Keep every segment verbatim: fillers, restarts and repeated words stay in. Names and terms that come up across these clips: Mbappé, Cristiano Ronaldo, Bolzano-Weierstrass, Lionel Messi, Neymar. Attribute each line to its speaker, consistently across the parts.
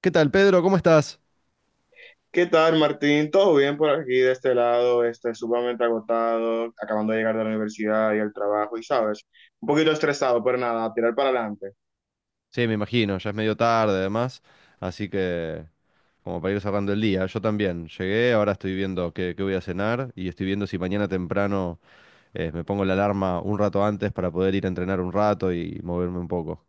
Speaker 1: ¿Qué tal, Pedro? ¿Cómo estás?
Speaker 2: ¿Qué tal, Martín? ¿Todo bien por aquí de este lado? Este, sumamente agotado, acabando de llegar de la universidad y el trabajo, y sabes, un poquito estresado, pero nada, a tirar para adelante.
Speaker 1: Sí, me imagino, ya es medio tarde además, así que como para ir cerrando el día, yo también llegué, ahora estoy viendo qué, qué voy a cenar y estoy viendo si mañana temprano eh, me pongo la alarma un rato antes para poder ir a entrenar un rato y moverme un poco.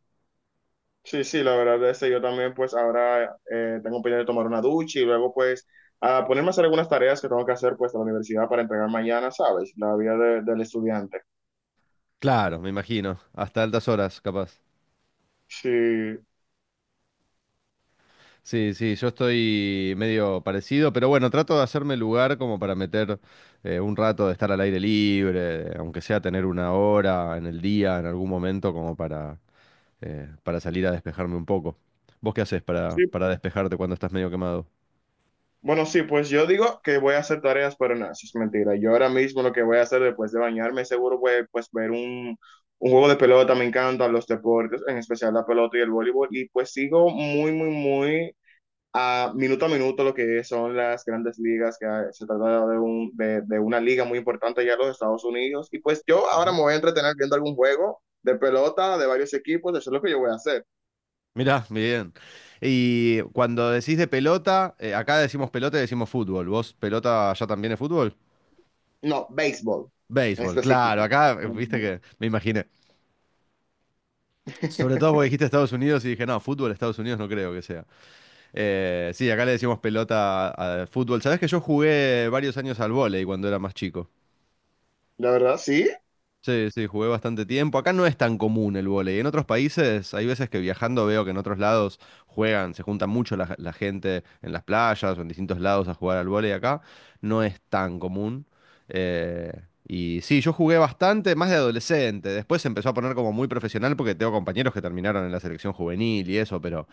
Speaker 2: Sí, sí, la verdad es que yo también, pues ahora eh, tengo pendiente de tomar una ducha y luego, pues, a ponerme a hacer algunas tareas que tengo que hacer, pues, a la universidad para entregar mañana, sabes, la vida de- del estudiante.
Speaker 1: Claro, me imagino, hasta altas horas, capaz.
Speaker 2: Sí,
Speaker 1: Sí, sí, yo estoy medio parecido, pero bueno, trato de hacerme lugar como para meter eh, un rato de estar al aire libre, aunque sea tener una hora en el día, en algún momento, como para eh, para salir a despejarme un poco. ¿Vos qué haces para,
Speaker 2: sí,
Speaker 1: para despejarte cuando estás medio quemado?
Speaker 2: bueno, sí, pues yo digo que voy a hacer tareas, pero no, eso es mentira. Yo ahora mismo lo que voy a hacer después de bañarme, seguro voy a, pues ver un, un juego de pelota, me encantan los deportes, en especial la pelota y el voleibol, y pues sigo muy, muy, muy a minuto a minuto lo que son las grandes ligas, que se trata de, un, de, de una liga muy importante ya en los Estados Unidos, y pues yo ahora
Speaker 1: Ujú.
Speaker 2: me voy a entretener viendo algún juego de pelota de varios equipos, eso es lo que yo voy a hacer.
Speaker 1: Mirá, bien. Y cuando decís de pelota, eh, acá decimos pelota y decimos fútbol. ¿Vos pelota allá también es fútbol?
Speaker 2: No, béisbol en
Speaker 1: Béisbol, claro,
Speaker 2: específico.
Speaker 1: acá eh, viste
Speaker 2: Ujú.
Speaker 1: que me imaginé. Sobre todo porque dijiste Estados Unidos y dije, no, fútbol Estados Unidos no creo que sea. Eh, sí, acá le decimos pelota a- al fútbol. Sabés que yo jugué varios años al vóley cuando era más chico.
Speaker 2: La verdad, sí.
Speaker 1: Sí, sí, jugué bastante tiempo. Acá no es tan común el vóley. En otros países hay veces que viajando veo que en otros lados juegan, se junta mucho la, la gente en las playas o en distintos lados a jugar al vóley. Acá no es tan común. Eh, y sí, yo jugué bastante, más de adolescente. Después se empezó a poner como muy profesional porque tengo compañeros que terminaron en la selección juvenil y eso, pero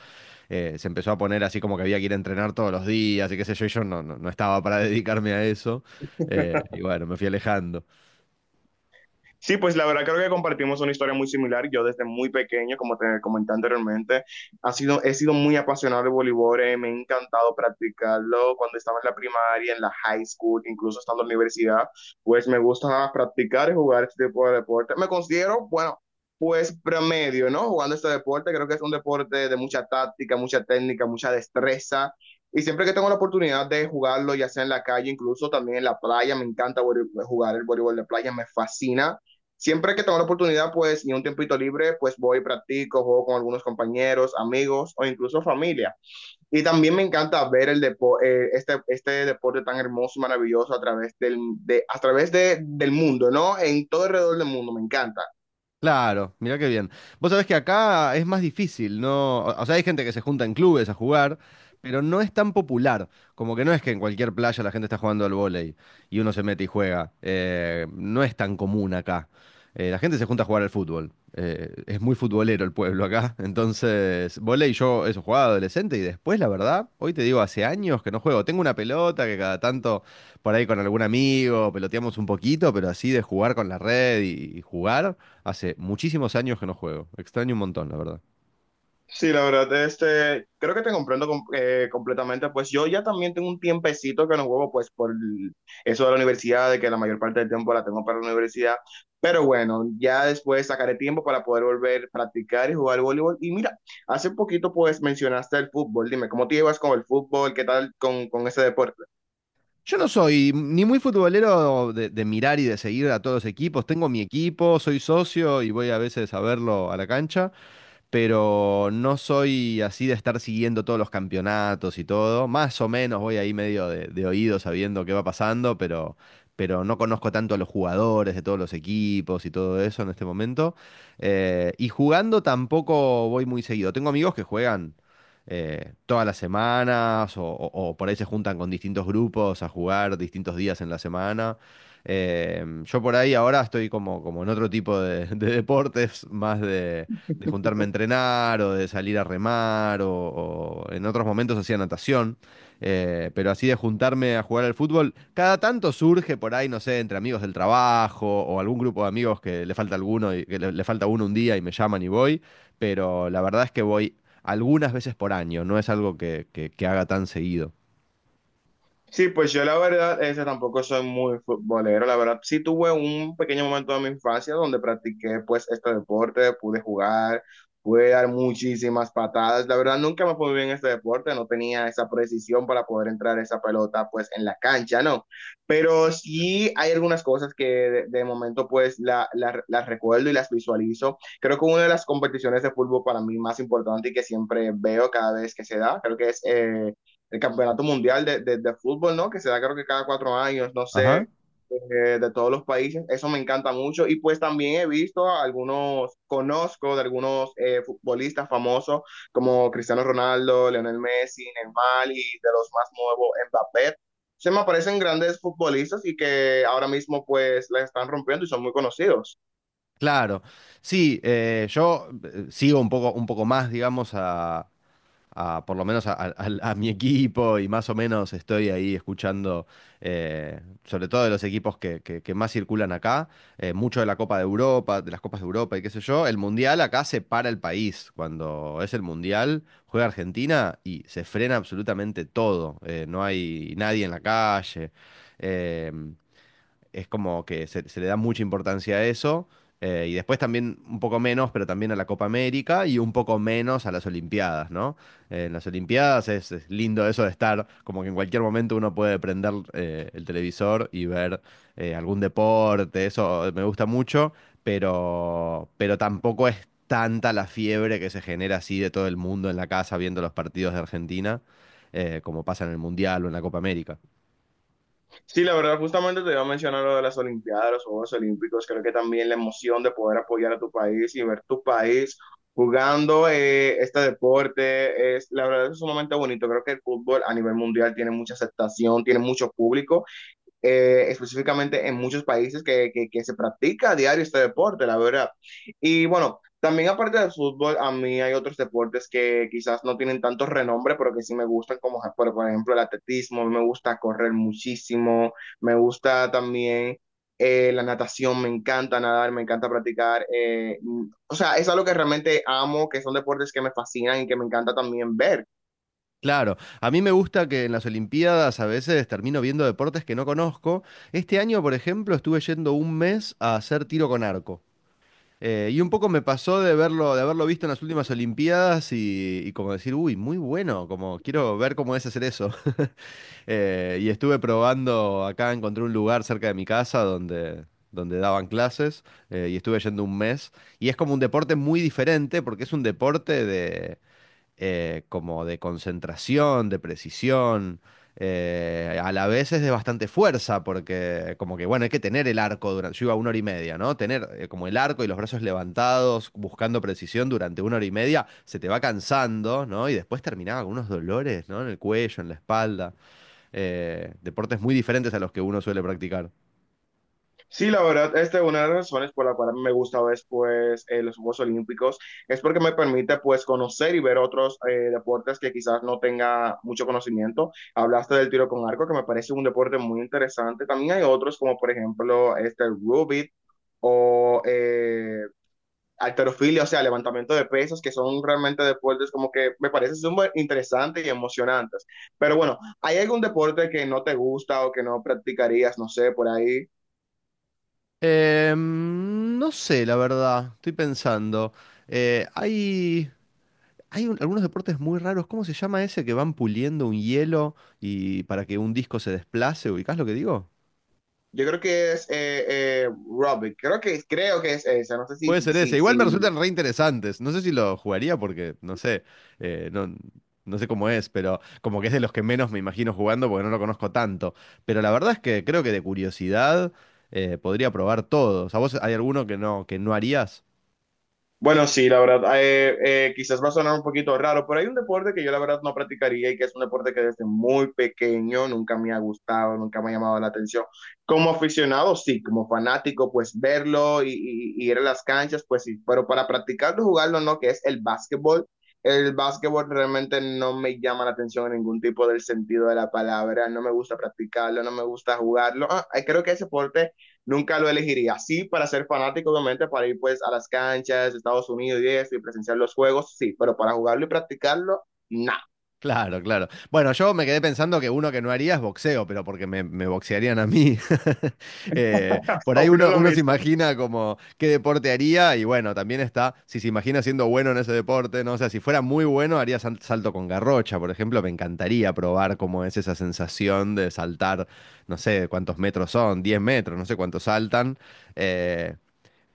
Speaker 1: eh, se empezó a poner así como que había que ir a entrenar todos los días y qué sé yo, y yo no, no, no estaba para dedicarme a eso. Eh, y bueno, me fui alejando.
Speaker 2: Sí, pues la verdad creo que compartimos una historia muy similar. Yo desde muy pequeño, como te comenté anteriormente, ha sido, he sido muy apasionado del voleibol, eh, me ha encantado practicarlo cuando estaba en la primaria, en la high school, incluso estando en la universidad, pues me gusta practicar y jugar este tipo de deporte. Me considero, bueno, pues promedio, ¿no? Jugando este deporte, creo que es un deporte de mucha táctica, mucha técnica, mucha destreza. Y siempre que tengo la oportunidad de jugarlo, ya sea en la calle, incluso también en la playa, me encanta vole- jugar el voleibol de playa, me fascina. Siempre que tengo la oportunidad, pues, y un tiempito libre, pues voy, practico, juego con algunos compañeros, amigos o incluso familia. Y también me encanta ver el depo- eh, este, este deporte tan hermoso y maravilloso a través del, de, a través de- del mundo, ¿no? En todo alrededor del mundo, me encanta.
Speaker 1: Claro, mirá qué bien. Vos sabés que acá es más difícil, ¿no? O o sea, hay gente que se junta en clubes a jugar, pero no es tan popular. Como que no es que en cualquier playa la gente está jugando al vóley y uno se mete y juega. Eh, no es tan común acá. Eh, la gente se junta a jugar al fútbol. Eh, es muy futbolero el pueblo acá. Entonces, vóley yo eso jugaba adolescente y después, la verdad, hoy te digo, hace años que no juego. Tengo una pelota que cada tanto por ahí con algún amigo peloteamos un poquito, pero así de jugar con la red y y jugar. Hace muchísimos años que no juego. Extraño un montón, la verdad.
Speaker 2: Sí, la verdad, este, creo que te comprendo com- eh, completamente. Pues yo ya también tengo un tiempecito que no juego, pues por el- eso de la universidad, de que la mayor parte del tiempo la tengo para la universidad. Pero bueno, ya después sacaré tiempo para poder volver a practicar y jugar voleibol. Y mira, hace poquito pues mencionaste el fútbol. Dime, ¿cómo te llevas con el fútbol? ¿Qué tal con, con ese deporte?
Speaker 1: Yo no soy ni muy futbolero de, de mirar y de seguir a todos los equipos. Tengo mi equipo, soy socio y voy a veces a verlo a la cancha, pero no soy así de estar siguiendo todos los campeonatos y todo. Más o menos voy ahí medio de, de oído sabiendo qué va pasando, pero, pero no conozco tanto a los jugadores de todos los equipos y todo eso en este momento. Eh, y jugando tampoco voy muy seguido. Tengo amigos que juegan eh, todas las semanas o, o- o por ahí se juntan con distintos grupos a jugar distintos días en la semana. Eh, yo por ahí ahora estoy como, como en otro tipo de, de deportes, más de, de juntarme a entrenar o de salir a remar o, o en otros momentos hacía natación, eh, pero así de juntarme a jugar al fútbol, cada tanto surge por ahí, no sé, entre amigos del trabajo o algún grupo de amigos que le falta alguno y que le, le falta uno un día y me llaman y voy, pero la verdad es que voy algunas veces por año, no es algo que, que- que haga tan seguido.
Speaker 2: Sí, pues yo la verdad, ese tampoco soy muy futbolero, la verdad. Sí tuve un pequeño momento de mi infancia donde practiqué pues este deporte, pude jugar, pude dar muchísimas patadas. La verdad nunca me fue bien en este deporte, no tenía esa precisión para poder entrar esa pelota pues en la cancha, ¿no? Pero sí hay algunas cosas que de, de momento pues la- la- las recuerdo y las visualizo. Creo que una de las competiciones de fútbol para mí más importante y que siempre veo cada vez que se da, creo que es... eh, el campeonato mundial de, de, de fútbol, ¿no? Que se da creo que cada cuatro años, no
Speaker 1: Ajá.
Speaker 2: sé, eh, de todos los países. Eso me encanta mucho. Y pues también he visto a algunos, conozco de algunos eh, futbolistas famosos como Cristiano Ronaldo, Lionel Messi, Neymar y de los más nuevos, Mbappé. Se me aparecen grandes futbolistas y que ahora mismo pues la están rompiendo y son muy conocidos.
Speaker 1: Claro, sí, eh, yo eh, sigo un poco, un poco más, digamos, a, a- por lo menos a, a- al- a mi equipo y más o menos estoy ahí escuchando, eh, sobre todo de los equipos que, que- que más circulan acá, eh, mucho de la Copa de Europa, de las Copas de Europa y qué sé yo. El Mundial acá se para el país. Cuando es el Mundial, juega Argentina y se frena absolutamente todo. Eh, no hay nadie en la calle. Eh, es como que se, se le da mucha importancia a eso. Eh, y después también un poco menos, pero también a la Copa América y un poco menos a las Olimpiadas, ¿no? Eh, en las Olimpiadas es, es lindo eso de estar, como que en cualquier momento uno puede prender eh, el televisor y ver eh, algún deporte, eso me gusta mucho, pero, pero tampoco es tanta la fiebre que se genera así de todo el mundo en la casa viendo los partidos de Argentina, eh, como pasa en el Mundial o en la Copa América.
Speaker 2: Sí, la verdad, justamente te iba a mencionar lo de las Olimpiadas, los Juegos Olímpicos. Creo que también la emoción de poder apoyar a tu país y ver tu país jugando eh, este deporte es, la verdad, es sumamente bonito. Creo que el fútbol a nivel mundial tiene mucha aceptación, tiene mucho público eh, específicamente en muchos países que, que, que se practica a diario este deporte, la verdad. Y bueno, también aparte del fútbol, a mí hay otros deportes que quizás no tienen tanto renombre, pero que sí me gustan, como por, por ejemplo el atletismo, me gusta correr muchísimo, me gusta también eh, la natación, me encanta nadar, me encanta practicar. Eh, o sea, es algo que realmente amo, que son deportes que me fascinan y que me encanta también ver.
Speaker 1: Claro, a mí me gusta que en las Olimpiadas a veces termino viendo deportes que no conozco. Este año, por ejemplo, estuve yendo un mes a hacer tiro con arco. Eh, y un poco me pasó de verlo, de haberlo visto en las últimas Olimpiadas y, y como decir, uy, muy bueno, como quiero ver cómo es hacer eso. Eh, y estuve probando, acá encontré un lugar cerca de mi casa donde, donde daban clases eh, y estuve yendo un mes. Y es como un deporte muy diferente porque es un deporte de eh, como de concentración, de precisión. Eh, a la vez es de bastante fuerza, porque como que, bueno, hay que tener el arco durante, yo iba una hora y media, ¿no? Tener eh, como el arco y los brazos levantados, buscando precisión durante una hora y media, se te va cansando, ¿no? Y después terminaba con unos dolores, ¿no? En el cuello, en la espalda. Eh, deportes muy diferentes a los que uno suele practicar.
Speaker 2: Sí, la verdad, esta es una de las razones por la cual me gusta ver pues, eh, los Juegos Olímpicos, es porque me permite pues conocer y ver otros eh, deportes que quizás no tenga mucho conocimiento. Hablaste del tiro con arco, que me parece un deporte muy interesante. También hay otros como por ejemplo este el rugby o eh, halterofilia, o sea, levantamiento de pesos, que son realmente deportes como que me parecen súper interesantes y emocionantes. Pero bueno, ¿hay algún deporte que no te gusta o que no practicarías, no sé, por ahí?
Speaker 1: Em, no sé, la verdad, estoy pensando. Eh, hay Hay un- algunos deportes muy raros. ¿Cómo se llama ese que van puliendo un hielo y para que un disco se desplace? ¿Ubicás lo que digo?
Speaker 2: Yo creo que es eh, eh, Robbie, creo que, creo que es esa, no sé si,
Speaker 1: Puede
Speaker 2: si,
Speaker 1: ser ese.
Speaker 2: si,
Speaker 1: Igual me
Speaker 2: si,
Speaker 1: resultan re interesantes. No sé si lo jugaría porque no sé, eh, no, no sé cómo es, pero como que es de los que menos me imagino jugando porque no lo conozco tanto. Pero la verdad es que creo que de curiosidad eh, podría probar todos. ¿A vos hay alguno que no, que no harías?
Speaker 2: Bueno, sí, la verdad, eh, eh, quizás va a sonar un poquito raro, pero hay un deporte que yo la verdad no practicaría y que es un deporte que desde muy pequeño nunca me ha gustado, nunca me ha llamado la atención. Como aficionado, sí, como fanático, pues verlo y, y- y ir a las canchas, pues sí, pero para practicarlo, jugarlo, no, que es el básquetbol. El básquetbol realmente no me llama la atención en ningún tipo del sentido de la palabra, no me gusta practicarlo, no me gusta jugarlo. Ah, creo que ese deporte nunca lo elegiría. Sí, para ser fanático, obviamente, para ir pues a las canchas de Estados Unidos y eso, y presenciar los juegos, sí, pero para jugarlo y practicarlo, nada.
Speaker 1: Claro, claro. Bueno, yo me quedé pensando que uno que no haría es boxeo, pero porque me, me boxearían a mí. Eh, por ahí
Speaker 2: Opino
Speaker 1: uno,
Speaker 2: lo
Speaker 1: uno se
Speaker 2: mismo.
Speaker 1: imagina como qué deporte haría y bueno, también está, si se imagina siendo bueno en ese deporte, ¿no? O sea, si fuera muy bueno, haría sal- salto con garrocha, por ejemplo, me encantaría probar cómo es esa sensación de saltar, no sé cuántos metros son, diez metros, no sé cuántos saltan. Eh,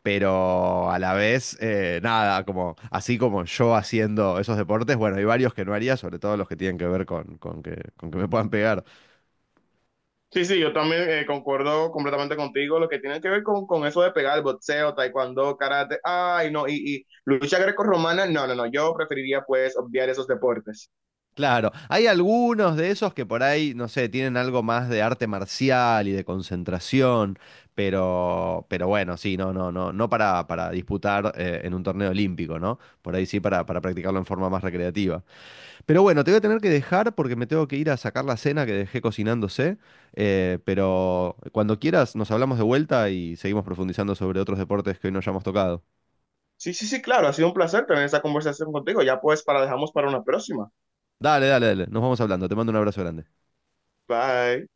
Speaker 1: pero a la vez, eh, nada, como así como yo haciendo esos deportes, bueno, hay varios que no haría, sobre todo los que tienen que ver con, con que, con que me puedan pegar.
Speaker 2: Sí, sí, yo también eh, concuerdo completamente contigo. Lo que tiene que ver con, con eso de pegar boxeo, taekwondo, karate, ay, no, y, y lucha grecorromana, no, no, no, yo preferiría pues obviar esos deportes.
Speaker 1: Claro, hay algunos de esos que por ahí, no sé, tienen algo más de arte marcial y de concentración, pero, pero bueno, sí, no, no, no, no para, para disputar eh, en un torneo olímpico, ¿no? Por ahí sí para, para practicarlo en forma más recreativa. Pero bueno, te voy a tener que dejar porque me tengo que ir a sacar la cena que dejé cocinándose. Eh, pero cuando quieras, nos hablamos de vuelta y seguimos profundizando sobre otros deportes que hoy no hayamos tocado.
Speaker 2: Sí, sí, sí, claro, ha sido un placer tener esta conversación contigo. Ya pues para dejamos para una próxima.
Speaker 1: Dale, dale, dale. Nos vamos hablando. Te mando un abrazo grande.
Speaker 2: Bye.